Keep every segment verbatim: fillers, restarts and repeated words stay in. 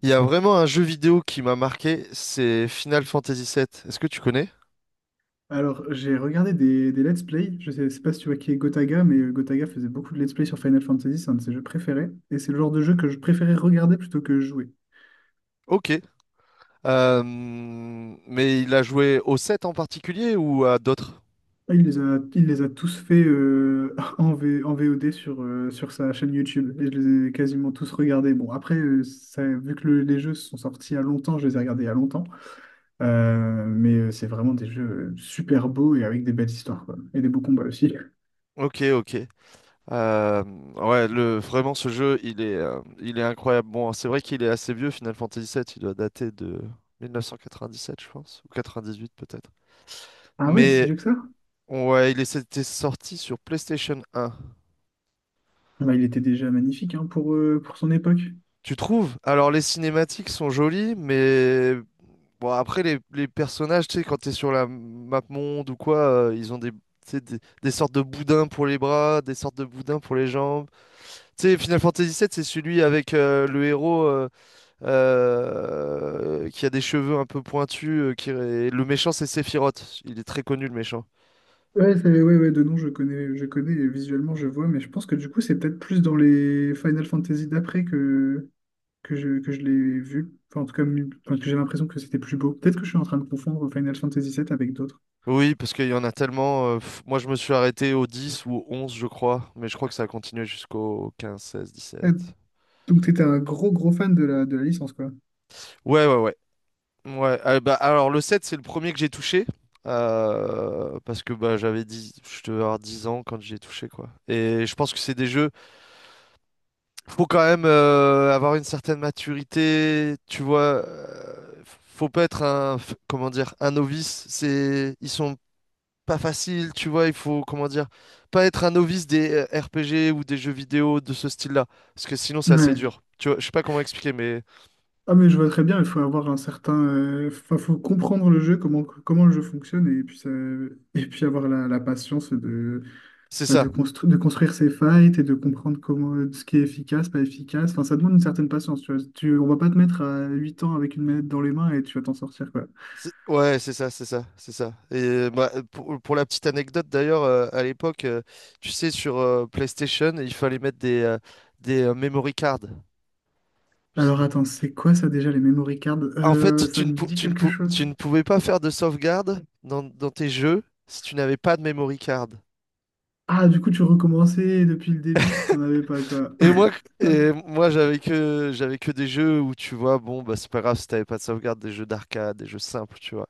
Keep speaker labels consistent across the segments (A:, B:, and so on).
A: Il y a vraiment un jeu vidéo qui m'a marqué, c'est Final Fantasy sept. Est-ce que tu connais?
B: Alors, j'ai regardé des, des let's play. Je sais, sais pas si tu vois qui est Gotaga, mais euh, Gotaga faisait beaucoup de let's play sur Final Fantasy, c'est un de ses jeux préférés. Et c'est le genre de jeu que je préférais regarder plutôt que jouer.
A: Ok. Euh, mais il a joué au sept en particulier ou à d'autres?
B: Ah, Il les a, il les a tous faits euh, en, V- en V O D sur, euh, sur sa chaîne YouTube. Et je les ai quasiment tous regardés. Bon, après, euh, ça, vu que le- les jeux sont sortis il y a longtemps, je les ai regardés il y a longtemps. Euh, mais euh, c'est vraiment des jeux euh, super beaux et avec des belles histoires, quoi. Et des beaux combats aussi.
A: Ok, ok. Euh, ouais, le, vraiment ce jeu, il est, euh, il est incroyable. Bon, c'est vrai qu'il est assez vieux, Final Fantasy sept. Il doit dater de mille neuf cent quatre-vingt-dix-sept, je pense, ou quatre-vingt-dix-huit peut-être.
B: Ah ouais, c'est
A: Mais
B: vieux que ça?
A: ouais, il est- c'était sorti sur PlayStation un.
B: Bah, il était déjà magnifique hein, pour, euh, pour son époque.
A: Tu trouves? Alors les cinématiques sont jolies, mais bon. Après, les, les personnages, tu sais, quand t'es sur la map monde ou quoi, euh, ils ont des, tu sais, des, des sortes de boudins pour les bras, des sortes de boudins pour les jambes. Tu sais, Final Fantasy sept, c'est celui avec euh, le héros euh, euh, qui a des cheveux un peu pointus. Euh, qui... et le méchant, c'est Sephiroth. Il est très connu, le méchant.
B: Ouais, c'est- ouais, ouais, de nom, je connais, je connais, et visuellement, je vois, mais je pense que du coup, c'est peut-être plus dans les Final Fantasy d'après que, que je, que je l'ai vu. Enfin, en tout cas, mi- enfin, que j'ai l'impression que c'était plus beau. Peut-être que je suis en train de confondre Final Fantasy sept avec d'autres.
A: Oui, parce qu'il y en a tellement. Euh, pff, moi, je me suis arrêté au dix ou au onze, je crois. Mais je crois que ça a continué jusqu'au quinze seize dix
B: Ouais.
A: sept
B: Donc, t'étais un gros, gros fan de la, de la licence, quoi.
A: Ouais, ouais, ouais. Ouais, euh, bah, alors le sept, c'est le premier que j'ai touché. Euh, parce que bah, j'avais dix, je devais avoir dix ans quand j'ai touché, quoi. Et je pense que c'est des jeux. Faut quand même euh, avoir une certaine maturité, tu vois. Euh, faut pas être un, f- comment dire, un novice. C'est, ils sont pas faciles, tu vois. Il faut, comment dire, pas être un novice des euh, R P G ou des jeux vidéo de ce style-là. Parce que sinon, c'est assez
B: Ouais.
A: dur. Tu vois, je sais pas comment expliquer, mais
B: Ah, mais je vois très bien, il faut avoir un certain, euh, enfin, faut comprendre le jeu, comment, comment le jeu fonctionne et puis, ça- et puis avoir la, la patience de,
A: c'est
B: bah,
A: ça.
B: de, constru- de construire ses fights et de comprendre comment, euh, ce qui est efficace, pas efficace. Enfin, ça demande une certaine patience, tu vois. Tu, on va pas te mettre à huit ans avec une manette dans les mains et tu vas t'en sortir, quoi.
A: C'est- Ouais, c'est ça, c'est ça, c'est ça. Et euh, bah, euh, pour, pour la petite anecdote d'ailleurs, euh, à l'époque, euh, tu sais, sur euh, PlayStation, il fallait mettre des, euh, des euh, memory cards. Je sais
B: Alors
A: pas.
B: attends, c'est quoi ça déjà, les memory cards?
A: En
B: Euh,
A: fait,
B: ça
A: tu ne,
B: me
A: pou-
B: dit
A: tu ne
B: quelque
A: pou-
B: chose.
A: tu ne pouvais pas faire de sauvegarde dans, dans tes jeux si tu n'avais pas de memory card.
B: Ah, du coup, tu recommençais depuis le début si t'en avais pas, quoi.
A: Et moi, et moi j'avais que, j'avais que des jeux où tu vois, bon, bah, c'est pas grave si t'avais pas de sauvegarde, des jeux d'arcade, des jeux simples, tu vois.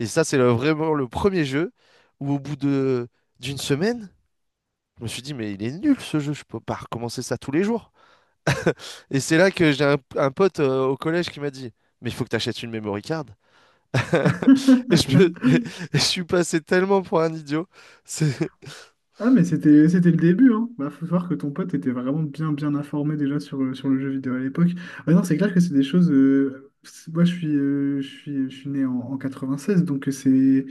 A: Et ça, c'est le- vraiment le premier jeu où au bout de d'une semaine, je me suis dit, mais il est nul ce jeu, je peux pas recommencer ça tous les jours. Et c'est là que j'ai un, un pote euh, au collège qui m'a dit, mais il faut que tu achètes une memory card. Et je, me- et je suis passé tellement pour un idiot. C'est...
B: Ah, mais c'était, c'était le début, hein. Bah, faut voir que ton pote était vraiment bien, bien informé déjà sur, euh, sur le jeu vidéo à l'époque. Ah non, c'est clair que c'est des choses. Euh, c'est- moi, je suis, euh, je suis, je suis né en, en quatre-vingt-seize, donc euh, c'est.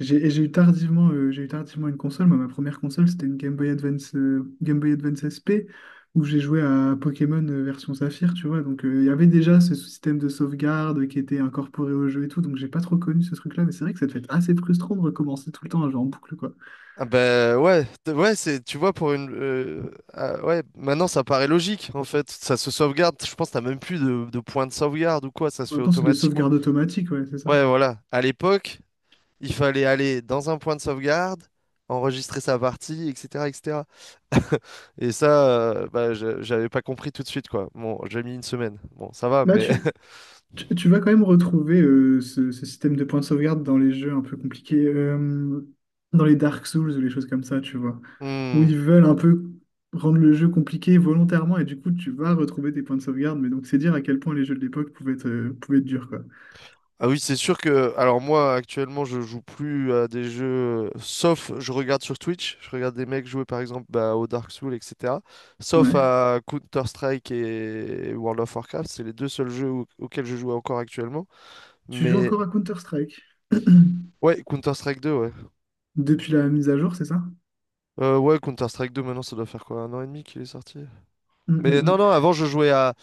B: J'ai et j'ai eu tardivement, euh, j'ai eu tardivement une console. Moi, ma première console, c'était une Game Boy Advance, euh, Game Boy Advance S P où j'ai joué à Pokémon euh, version Saphir, tu vois. Donc, euh, il y avait déjà ce système de sauvegarde qui était incorporé au jeu et tout, donc j'ai pas trop connu ce truc-là, mais c'est vrai que ça devait être assez frustrant de recommencer tout le temps un jeu en boucle, quoi.
A: Ah ben ouais, t- ouais, c'est, tu vois, pour une... euh, Ah ouais, maintenant ça paraît logique, en fait. Ça se sauvegarde, je pense que t'as même plus de, de point de sauvegarde ou quoi, ça se
B: En
A: fait
B: même temps, c'est des
A: automatiquement.
B: sauvegardes automatiques, ouais, c'est ça.
A: Ouais, voilà. À l'époque, il fallait aller dans un point de sauvegarde, enregistrer sa partie, et cetera, et cetera. Et ça, euh, bah, je- j'avais pas compris tout de suite, quoi. Bon, j'ai mis une semaine. Bon, ça va,
B: Bah,
A: mais.
B: tu, tu, tu vas quand même retrouver euh, ce, ce système de points de sauvegarde dans les jeux un peu compliqués, euh, dans les Dark Souls ou les choses comme ça, tu vois, où
A: Hmm.
B: ils veulent un peu rendre le jeu compliqué volontairement et du coup, tu vas retrouver tes points de sauvegarde. Mais donc, c'est dire à quel point les jeux de l'époque pouvaient être, euh, pouvaient être durs, quoi.
A: Ah oui, c'est sûr que. Alors, moi, actuellement, je joue plus à des jeux. Sauf, je regarde sur Twitch. Je regarde des mecs jouer, par exemple, bah, au Dark Souls, et cetera. Sauf
B: Ouais.
A: à Counter-Strike et World of Warcraft. C'est les deux seuls jeux au- auxquels je joue encore actuellement.
B: Tu joues
A: Mais.
B: encore à Counter-Strike
A: Ouais, Counter-Strike deux, ouais.
B: depuis la mise à jour, c'est ça?
A: Euh, ouais, Counter-Strike deux, maintenant, ça doit faire quoi? Un an et demi qu'il est sorti?
B: Mm,
A: Mais
B: mm,
A: non,
B: mm.
A: non, avant, je jouais à.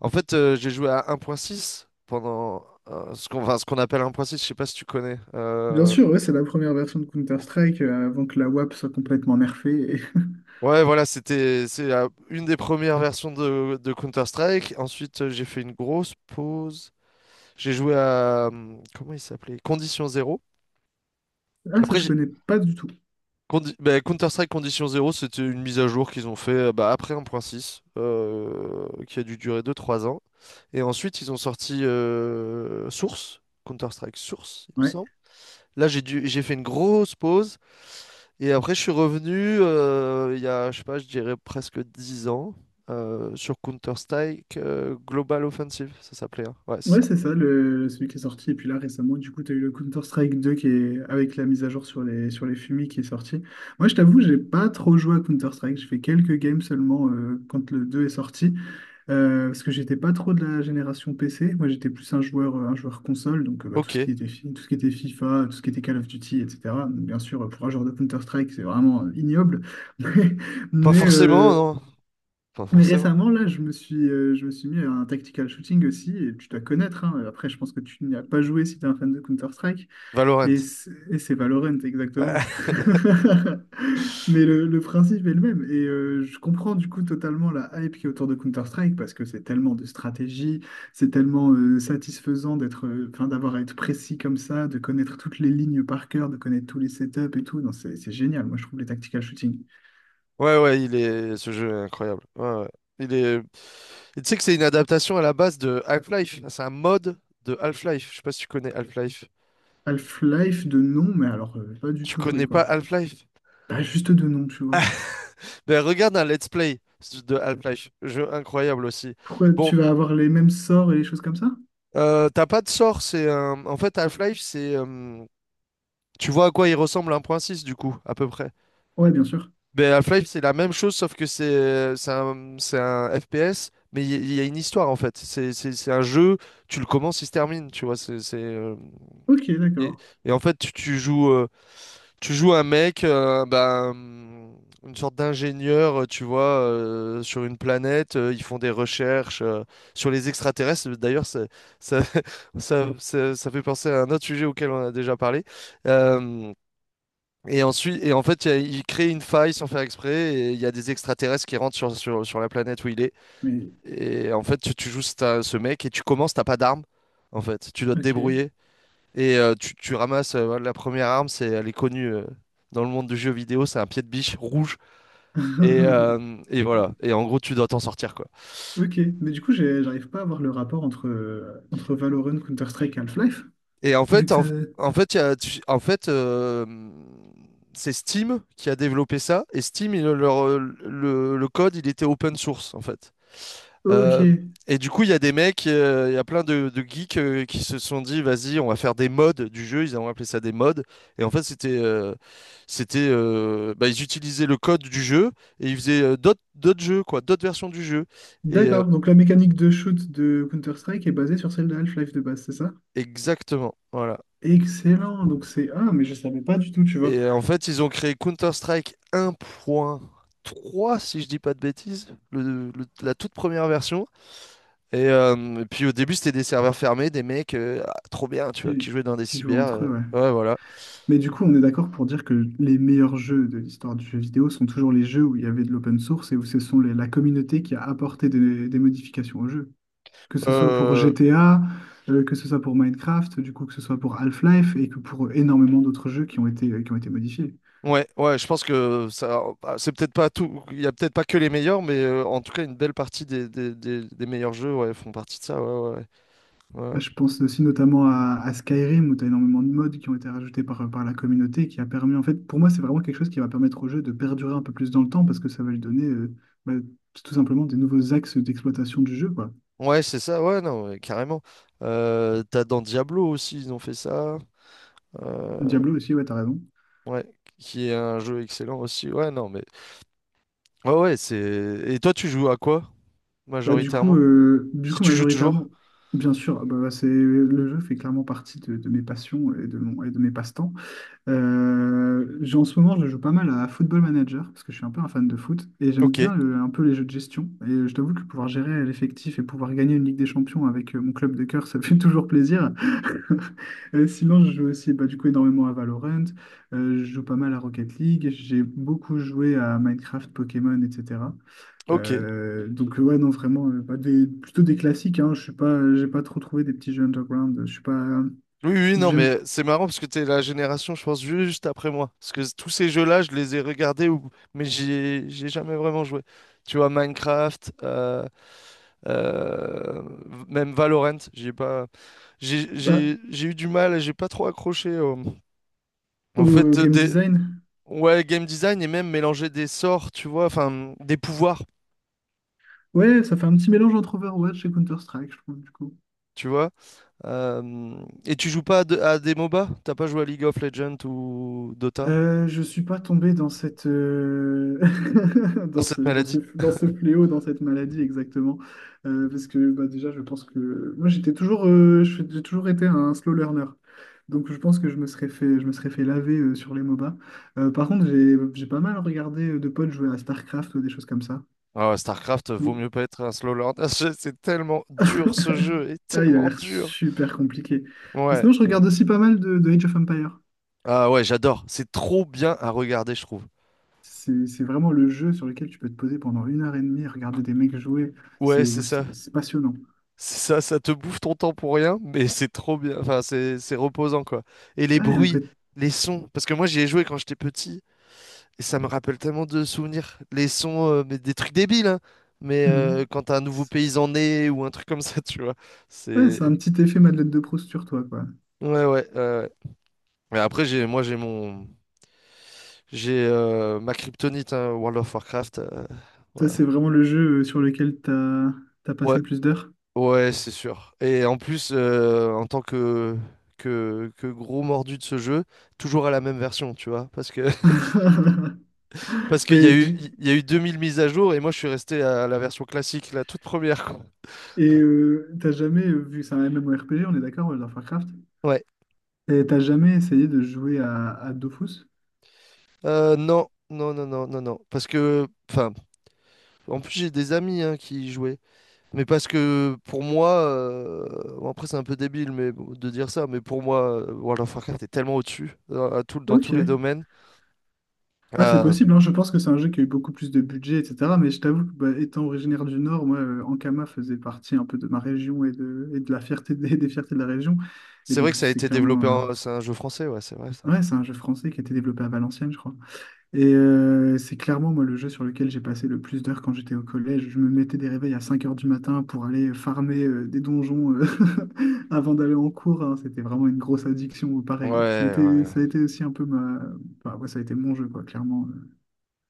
A: En fait, euh, j'ai joué à un point six pendant euh, ce qu'on enfin, ce qu'on appelle un point six, je sais pas si tu connais.
B: Bien
A: Euh,
B: sûr, ouais, c'est la première version de Counter-Strike euh, avant que la WAP soit complètement nerfée. Et-
A: Ouais, voilà, c'était c'est la- une des premières versions de, de Counter-Strike. Ensuite, euh, j'ai fait une grosse pause. J'ai joué à. hum, Comment il s'appelait? Condition Zéro.
B: Ah, ça,
A: Après,
B: je
A: j'ai-
B: connais pas du tout.
A: Condi- bah, Counter-Strike Condition zéro, c'était une mise à jour qu'ils ont fait euh, bah, après un point six, euh, qui a dû durer deux trois ans. Et ensuite, ils ont sorti euh, Source, Counter-Strike Source, il me
B: Ouais,
A: semble. Là, j'ai dû, j'ai fait une grosse pause. Et après, je suis revenu euh, il y a, je sais pas, je dirais presque dix ans euh, sur Counter-Strike euh, Global Offensive, ça s'appelait, hein. Ouais, c'est
B: ouais
A: ça.
B: c'est ça, le, celui qui est sorti. Et puis là, récemment, du coup, tu as eu le Counter-Strike deux qui est avec la mise à jour sur les, sur les FUMI qui est sorti. Moi, je t'avoue, j'ai pas trop joué à Counter-Strike. J'ai fait quelques games seulement euh, quand le deux est sorti. Euh, parce que j'étais pas trop de la génération P C. Moi, j'étais plus un joueur, euh, un joueur console. Donc, euh, bah, tout
A: Ok.
B: ce qui était, fi- tout ce qui était FIFA, tout ce qui était Call of Duty, et cetera. Donc, bien sûr, pour un joueur de Counter-Strike, c'est vraiment euh, ignoble. Mais,
A: Pas
B: mais,
A: forcément,
B: euh,
A: non. Pas
B: Mais
A: forcément.
B: récemment, là, je me suis, euh, je me suis mis à un tactical shooting aussi, et tu dois connaître, hein. Après, je pense que tu n'y as pas joué si tu es un fan de Counter-Strike, et
A: Valorant.
B: c'est et c'est Valorant, exactement. Mais le, le principe est le même, et euh, je comprends du coup totalement la hype qui est autour de Counter-Strike, parce que c'est tellement de stratégie, c'est tellement euh, satisfaisant d'être, euh, enfin, d'avoir à être précis comme ça, de connaître toutes les lignes par cœur, de connaître tous les setups et tout. Non, c'est c'est génial, moi je trouve les tactical shooting.
A: Ouais, ouais, il est... ce jeu est incroyable. Ouais, ouais. Il est... Et tu sais que c'est une adaptation à la base de Half-Life. C'est un mode de Half-Life. Je sais pas si tu connais Half-Life.
B: Half-Life de nom, mais alors, euh, pas du
A: Tu
B: tout joué,
A: connais pas
B: quoi.
A: Half-Life?
B: Bah, juste deux noms, tu vois.
A: Ben, regarde un let's play de Half-Life. Jeu incroyable aussi.
B: Pourquoi
A: Bon,
B: tu vas avoir les mêmes sorts et les choses comme ça?
A: euh, t'as pas de sort. C'est un... En fait, Half-Life, c'est... euh, Tu vois à quoi il ressemble un point six du coup, à peu près.
B: Ouais, bien sûr.
A: Ben, Half-Life, c'est la même chose, sauf que c'est c'est un, c'est un F P S, mais il y, il y a une histoire en fait. C'est c'est- c'est un jeu, tu le commences, il se termine, tu vois. c'est c'est, euh,
B: Ok,
A: et,
B: d'accord.
A: et en fait, tu, tu joues, euh, tu joues un mec, euh, ben, une sorte d'ingénieur, euh, tu vois, euh, sur une planète. Euh, ils font des recherches euh, sur les extraterrestres. D'ailleurs, ça, ça, ça, ça- ça fait penser à un autre sujet auquel on a déjà parlé. Euh, et ensuite, et en fait, il y a- il crée une faille sans faire exprès. Et il y a des extraterrestres qui rentrent sur, sur, sur la planète où il est.
B: Mais,
A: Et en fait, tu, tu joues ce ce mec et tu commences, t'as pas d'arme. En fait, tu dois te
B: ok.
A: débrouiller. Et euh, tu, tu ramasses euh, la première arme, c'est, elle est connue euh, dans le monde du jeu vidéo, c'est un pied de biche rouge. Et, euh, et voilà. Et en gros, tu dois t'en sortir, quoi.
B: Ok, mais du coup, j'ai- j'arrive pas à voir le rapport entre, euh, entre Valorant, Counter-Strike et Half-Life,
A: Et en
B: vu
A: fait,
B: que ça...
A: en, en fait, il y a- tu- en fait euh, c'est Steam qui a développé ça. Et Steam, il- leur, le, le code, il était open source, en fait.
B: Ok,
A: Euh, et du coup, il y a des mecs, euh, il y a plein de, de geeks euh, qui se sont dit, vas-y, on va faire des modes du jeu. Ils ont appelé ça des modes. Et en fait, c'était, euh, c'était, euh, bah, ils utilisaient le code du jeu et ils faisaient euh, d'autres, d'autres jeux, quoi, d'autres versions du jeu. Et euh,
B: d'accord. Donc la mécanique de shoot de Counter-Strike est basée sur celle de Half-Life de base, c'est ça?
A: Exactement, voilà.
B: Excellent. Donc c'est... Ah, mais je savais pas du tout, tu vois,
A: Et euh, en fait, ils ont créé Counter-Strike un point trois, si je dis pas de bêtises, le- le- la toute première version. Et, euh, et puis au début, c'était des serveurs fermés, des mecs, euh, ah, trop bien, tu vois, qui
B: qui,
A: jouaient dans des
B: qui jouent
A: cyber.
B: entre
A: Euh,
B: eux, ouais.
A: ouais, voilà.
B: Mais du coup, on est d'accord pour dire que les meilleurs jeux de l'histoire du jeu vidéo sont toujours les jeux où il y avait de l'open source et où ce sont les- la communauté qui a apporté des, des modifications au jeu. Que ce soit pour
A: Euh,
B: G T A, euh, que ce soit pour Minecraft, du coup, que ce soit pour Half-Life et que pour énormément d'autres jeux qui ont été, euh, qui ont été modifiés.
A: ouais, ouais, je pense que ça, bah, c'est peut-être pas tout. Il y a peut-être pas que les meilleurs, mais euh, en tout cas, une belle partie des, des, des- des meilleurs jeux, ouais, font partie de ça. Ouais, ouais, ouais.
B: Moi,
A: Ouais,
B: je pense aussi notamment à, à Skyrim où tu as énormément de mods qui ont été rajoutés par, par la communauté qui a permis, en fait, pour moi, c'est vraiment quelque chose qui va permettre au jeu de perdurer un peu plus dans le temps parce que ça va lui donner euh, bah, tout simplement des nouveaux axes d'exploitation du jeu, quoi.
A: ouais, c'est ça. Ouais, non, ouais, carrément. Euh, t'as dans Diablo aussi, ils ont fait ça. Euh,
B: Diablo aussi, ouais, t'as raison.
A: ouais, qui est un jeu excellent aussi. Ouais, non, mais ouais, ouais, c'est. Et toi, tu joues à quoi
B: Bah, du coup,
A: majoritairement?
B: euh, du
A: Si
B: coup,
A: tu joues toujours?
B: majoritairement, bien sûr, bah, bah, c'est, le jeu fait clairement partie de, de mes passions et de, mon, et de mes passe-temps. Euh, j'ai- en ce moment, je joue pas mal à Football Manager, parce que je suis un peu un fan de foot, et j'aime
A: Ok,
B: bien euh, un peu les jeux de gestion. Et euh, je t'avoue que pouvoir gérer l'effectif et pouvoir gagner une Ligue des Champions avec euh, mon club de cœur, ça fait toujours plaisir. Euh, sinon, je joue aussi bah, du coup énormément à Valorant, euh, je joue pas mal à Rocket League, j'ai beaucoup joué à Minecraft, Pokémon, et cetera.
A: ok.
B: Euh, donc ouais non vraiment euh, bah, des, plutôt des classiques hein, je suis pas j'ai pas trop trouvé des petits jeux underground, je suis pas
A: Oui, oui, non,
B: j'aime
A: mais c'est marrant parce que t'es la génération, je pense, ju- juste après moi. Parce que tous ces jeux-là, je les ai regardés, ou... mais j'ai j'ai jamais vraiment joué. Tu vois, Minecraft, euh, euh, même Valorant, j'ai pas... J'ai
B: pas
A: j'ai- j'ai eu du mal, j'ai pas trop accroché au, au
B: au
A: fait
B: game
A: des...
B: design.
A: Ouais, game design et même mélanger des sorts, tu vois, enfin, des pouvoirs,
B: Ouais, ça fait un petit mélange entre Overwatch et Counter-Strike je trouve du coup.
A: tu vois. Euh, Et tu joues pas à, de- à des MOBA? T'as pas joué à League of Legends ou Dota?
B: Euh, je suis pas tombé dans cette, euh,
A: Dans
B: dans ce,
A: cette
B: dans ce,
A: maladie?
B: dans ce fléau, dans cette maladie exactement. Euh, parce que bah, déjà, je pense que moi, j'étais toujours, euh, je- j'ai toujours été un slow learner. Donc, je pense que je me serais fait, je me serais fait laver euh, sur les MOBA. Euh, par contre, j'ai, j'ai pas mal regardé euh, de potes jouer à StarCraft ou des choses comme ça.
A: Ah ouais, StarCraft vaut
B: Ou-
A: mieux pas être un slow learner. C'est tellement dur ce jeu, est
B: Ah, il a
A: tellement
B: l'air
A: dur.
B: super compliqué. Mais
A: Ouais.
B: sinon, je regarde aussi pas mal de, de Age of Empires.
A: Ah ouais, j'adore. C'est trop bien à regarder, je trouve.
B: C'est c'est vraiment le jeu sur lequel tu peux te poser pendant une heure et demie, regarder des mecs jouer.
A: Ouais,
B: C'est
A: c'est ça.
B: c'est- c'est passionnant.
A: C'est ça, ça te bouffe ton temps pour rien, mais c'est trop bien. Enfin, c'est c'est reposant quoi. Et les
B: Ouais, il y a un
A: bruits,
B: côté-
A: les sons. Parce que moi, j'y ai joué quand j'étais petit et ça me rappelle tellement de souvenirs. Les sons, euh, mais des trucs débiles, hein. Mais euh,
B: Mhm.
A: quand t'as un nouveau
B: C'est
A: paysan né ou un truc comme ça, tu vois.
B: ouais,
A: C'est.
B: c'est un petit effet Madeleine de Proust sur toi, quoi.
A: Ouais, ouais. Ouais, ouais. Mais après, j'ai, moi, j'ai mon, J'ai euh, ma kryptonite, hein, World of Warcraft. Euh,
B: Ça,
A: voilà.
B: c'est vraiment le jeu euh, sur lequel t'as t'as passé
A: Ouais,
B: le plus d'heures.
A: ouais, c'est sûr. Et en plus, euh, en tant que, que, que gros mordu de ce jeu, toujours à la même version, tu vois. Parce que parce qu'il y
B: Mais
A: a eu,
B: du-
A: il y a eu deux mille mises à jour et moi je suis resté à la version classique, la toute première, quoi.
B: Et euh, t'as jamais, euh, vu que c'est un MMORPG, on est d'accord, World of Warcraft,
A: Ouais.
B: et t'as jamais essayé de jouer à, à Dofus?
A: Euh, non, non, non, non, non, non. Parce que, enfin, en plus j'ai des amis, hein, qui y jouaient. Mais parce que pour moi, euh, bon, après c'est un peu débile, mais bon, de dire ça. Mais pour moi, euh, World of Warcraft est tellement au-dessus dans, à tout- dans tous les
B: Ok.
A: domaines.
B: Ah, c'est
A: Euh,
B: possible, hein. Je pense que c'est un jeu qui a eu beaucoup plus de budget, et cetera. Mais je t'avoue que, bah, étant originaire du Nord, moi, euh, Ankama faisait partie un peu de ma région et de, et de la fierté des, des fiertés de la région. Et
A: c'est
B: donc,
A: vrai que ça a
B: c'est
A: été développé,
B: clairement. euh,
A: en- c'est un jeu français, ouais, c'est vrai ça.
B: Ouais, c'est un jeu français qui a été développé à Valenciennes, je crois. Et euh, c'est clairement, moi, le jeu sur lequel j'ai passé le plus d'heures quand j'étais au collège. Je me mettais des réveils à cinq heures du matin pour aller farmer euh, des donjons euh, avant d'aller en cours. Hein. C'était vraiment une grosse addiction,
A: Ouais,
B: pareil. Ça a été,
A: ouais.
B: ça a été aussi un peu ma. Enfin, ouais, ça a été mon jeu, quoi, clairement. euh.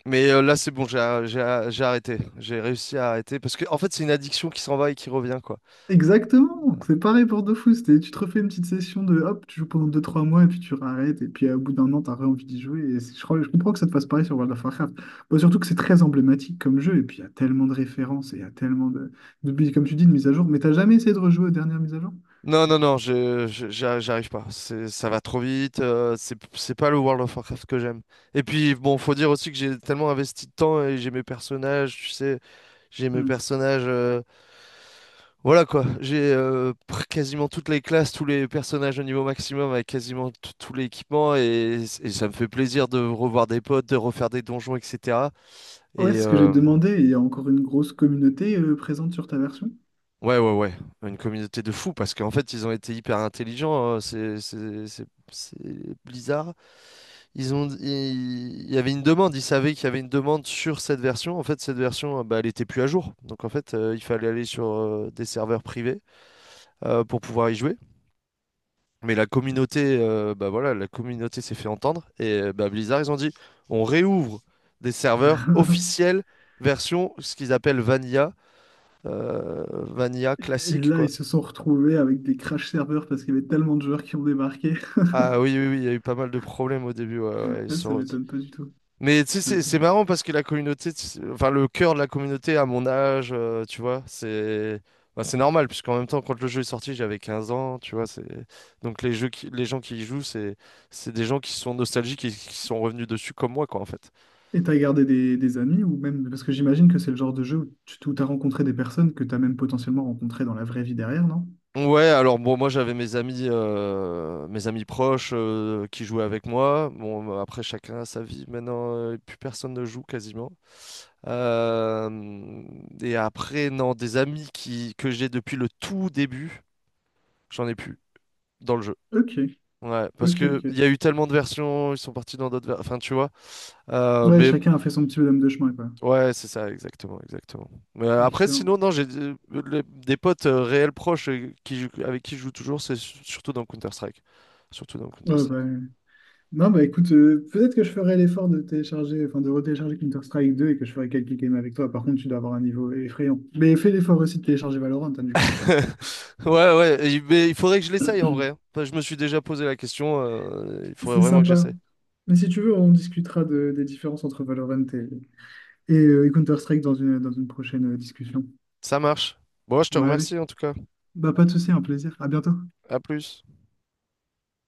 A: Mais euh, là c'est bon, j'ai j'ai j'ai arrêté, j'ai réussi à arrêter parce que en fait c'est une addiction qui s'en va et qui revient, quoi.
B: Exactement, c'est pareil pour Dofus, t'es- tu te refais une petite session de hop, tu joues pendant deux trois mois et puis tu arrêtes et puis euh, au bout d'un an t'as envie d'y jouer et c'est- je crois, je comprends que ça te fasse pareil sur World of Warcraft. Bon, surtout que c'est très emblématique comme jeu et puis il y a tellement de références et il y a tellement de, de- comme tu dis, de mises à jour, mais t'as jamais essayé de rejouer aux dernières mises à jour?
A: Non, non, non, je, je- j'a- j'arrive pas. C'est, ça va trop vite. euh, c'est, c'est pas le World of Warcraft que j'aime. Et puis bon, faut dire aussi que j'ai tellement investi de temps et j'ai mes personnages, tu sais, j'ai mes
B: Hmm.
A: personnages. Euh, voilà quoi. J'ai euh, pr- quasiment toutes les classes, tous les personnages au niveau maximum avec quasiment t- tout l'équipement, et, et ça me fait plaisir de revoir des potes, de refaire des donjons, et cetera.
B: Ouais,
A: Et
B: c'est ce que j'ai
A: euh,
B: demandé, et il y a encore une grosse communauté euh, présente sur ta version.
A: ouais, ouais, ouais. Une communauté de fous parce qu'en fait, ils ont été hyper intelligents, hein. C'est, c'est, c'est, c'est Blizzard. Ils ont, il il y avait une demande, ils savaient qu'il y avait une demande sur cette version. En fait, cette version, euh, bah, elle était plus à jour. Donc en fait, euh, il fallait aller sur euh, des serveurs privés euh, pour pouvoir y jouer. Mais la communauté, euh, bah voilà, la communauté s'est fait entendre, et euh, bah, Blizzard, ils ont dit, on réouvre des serveurs officiels version ce qu'ils appellent Vanilla, euh, Vanilla
B: Et
A: classique,
B: là, ils
A: quoi.
B: se sont retrouvés avec des crash serveurs parce qu'il y avait tellement de joueurs qui ont débarqué.
A: Ah oui, oui, oui, il y a eu pas mal de problèmes au début. Ouais, ouais,
B: Ça
A: sur-
B: m'étonne pas du tout.
A: Mais tu sais,
B: Ça
A: c'est
B: m'étonne.
A: c'est marrant parce que la communauté, tu sais, enfin le cœur de la communauté à mon âge, euh, tu vois, c'est, bah, c'est normal, puisqu'en même temps, quand le jeu est sorti, j'avais quinze ans, tu vois. C'est Donc les jeux qui- les gens qui y jouent, c'est c'est des gens qui sont nostalgiques et qui sont revenus dessus comme moi, quoi, en fait.
B: Et t'as gardé des, des amis ou même parce que j'imagine que c'est le genre de jeu où tu où t'as rencontré des personnes que t'as même potentiellement rencontrées dans la vraie vie derrière, non?
A: Ouais, alors bon, moi j'avais mes amis, euh, mes amis proches euh, qui jouaient avec moi. Bon bah, après chacun a sa vie. Maintenant, euh, plus personne ne joue quasiment. Euh, et après, non, des amis qui que j'ai depuis le tout début. J'en ai plus dans le jeu.
B: Ok,
A: Ouais, parce
B: ok,
A: que
B: ok.
A: il y a eu tellement de versions, ils sont partis dans d'autres versions. Enfin, tu vois. Euh,
B: Ouais,
A: mais
B: chacun a fait son petit bonhomme de chemin, quoi.
A: ouais, c'est ça, exactement, exactement. Mais euh, après,
B: Excellent.
A: sinon, non, j'ai euh, les- des potes euh, réels proches euh, qui, jou- avec qui je joue toujours, c'est su- surtout dans Counter-Strike. Surtout dans
B: Ouais, bah,
A: Counter-Strike.
B: euh, non, bah écoute, euh, peut-être que je ferai l'effort de télécharger, enfin de retélécharger Counter-Strike deux et que je ferai quelques games avec toi. Par contre, tu dois avoir un niveau effrayant. Mais fais l'effort aussi de télécharger Valorant, hein, du coup.
A: Ouais, ouais, et- mais il faudrait que je l'essaye en vrai, hein. Enfin, je me suis déjà posé la question, euh, il faudrait
B: C'est
A: vraiment que
B: sympa.
A: j'essaie.
B: Mais si tu veux, on discutera de- des différences entre Valorant et, et, euh, et Counter-Strike dans une, dans une prochaine euh, discussion.
A: Ça marche. Bon, je te
B: Bon, allez.
A: remercie en tout cas.
B: Bah, pas de souci, un plaisir. À bientôt.
A: À plus.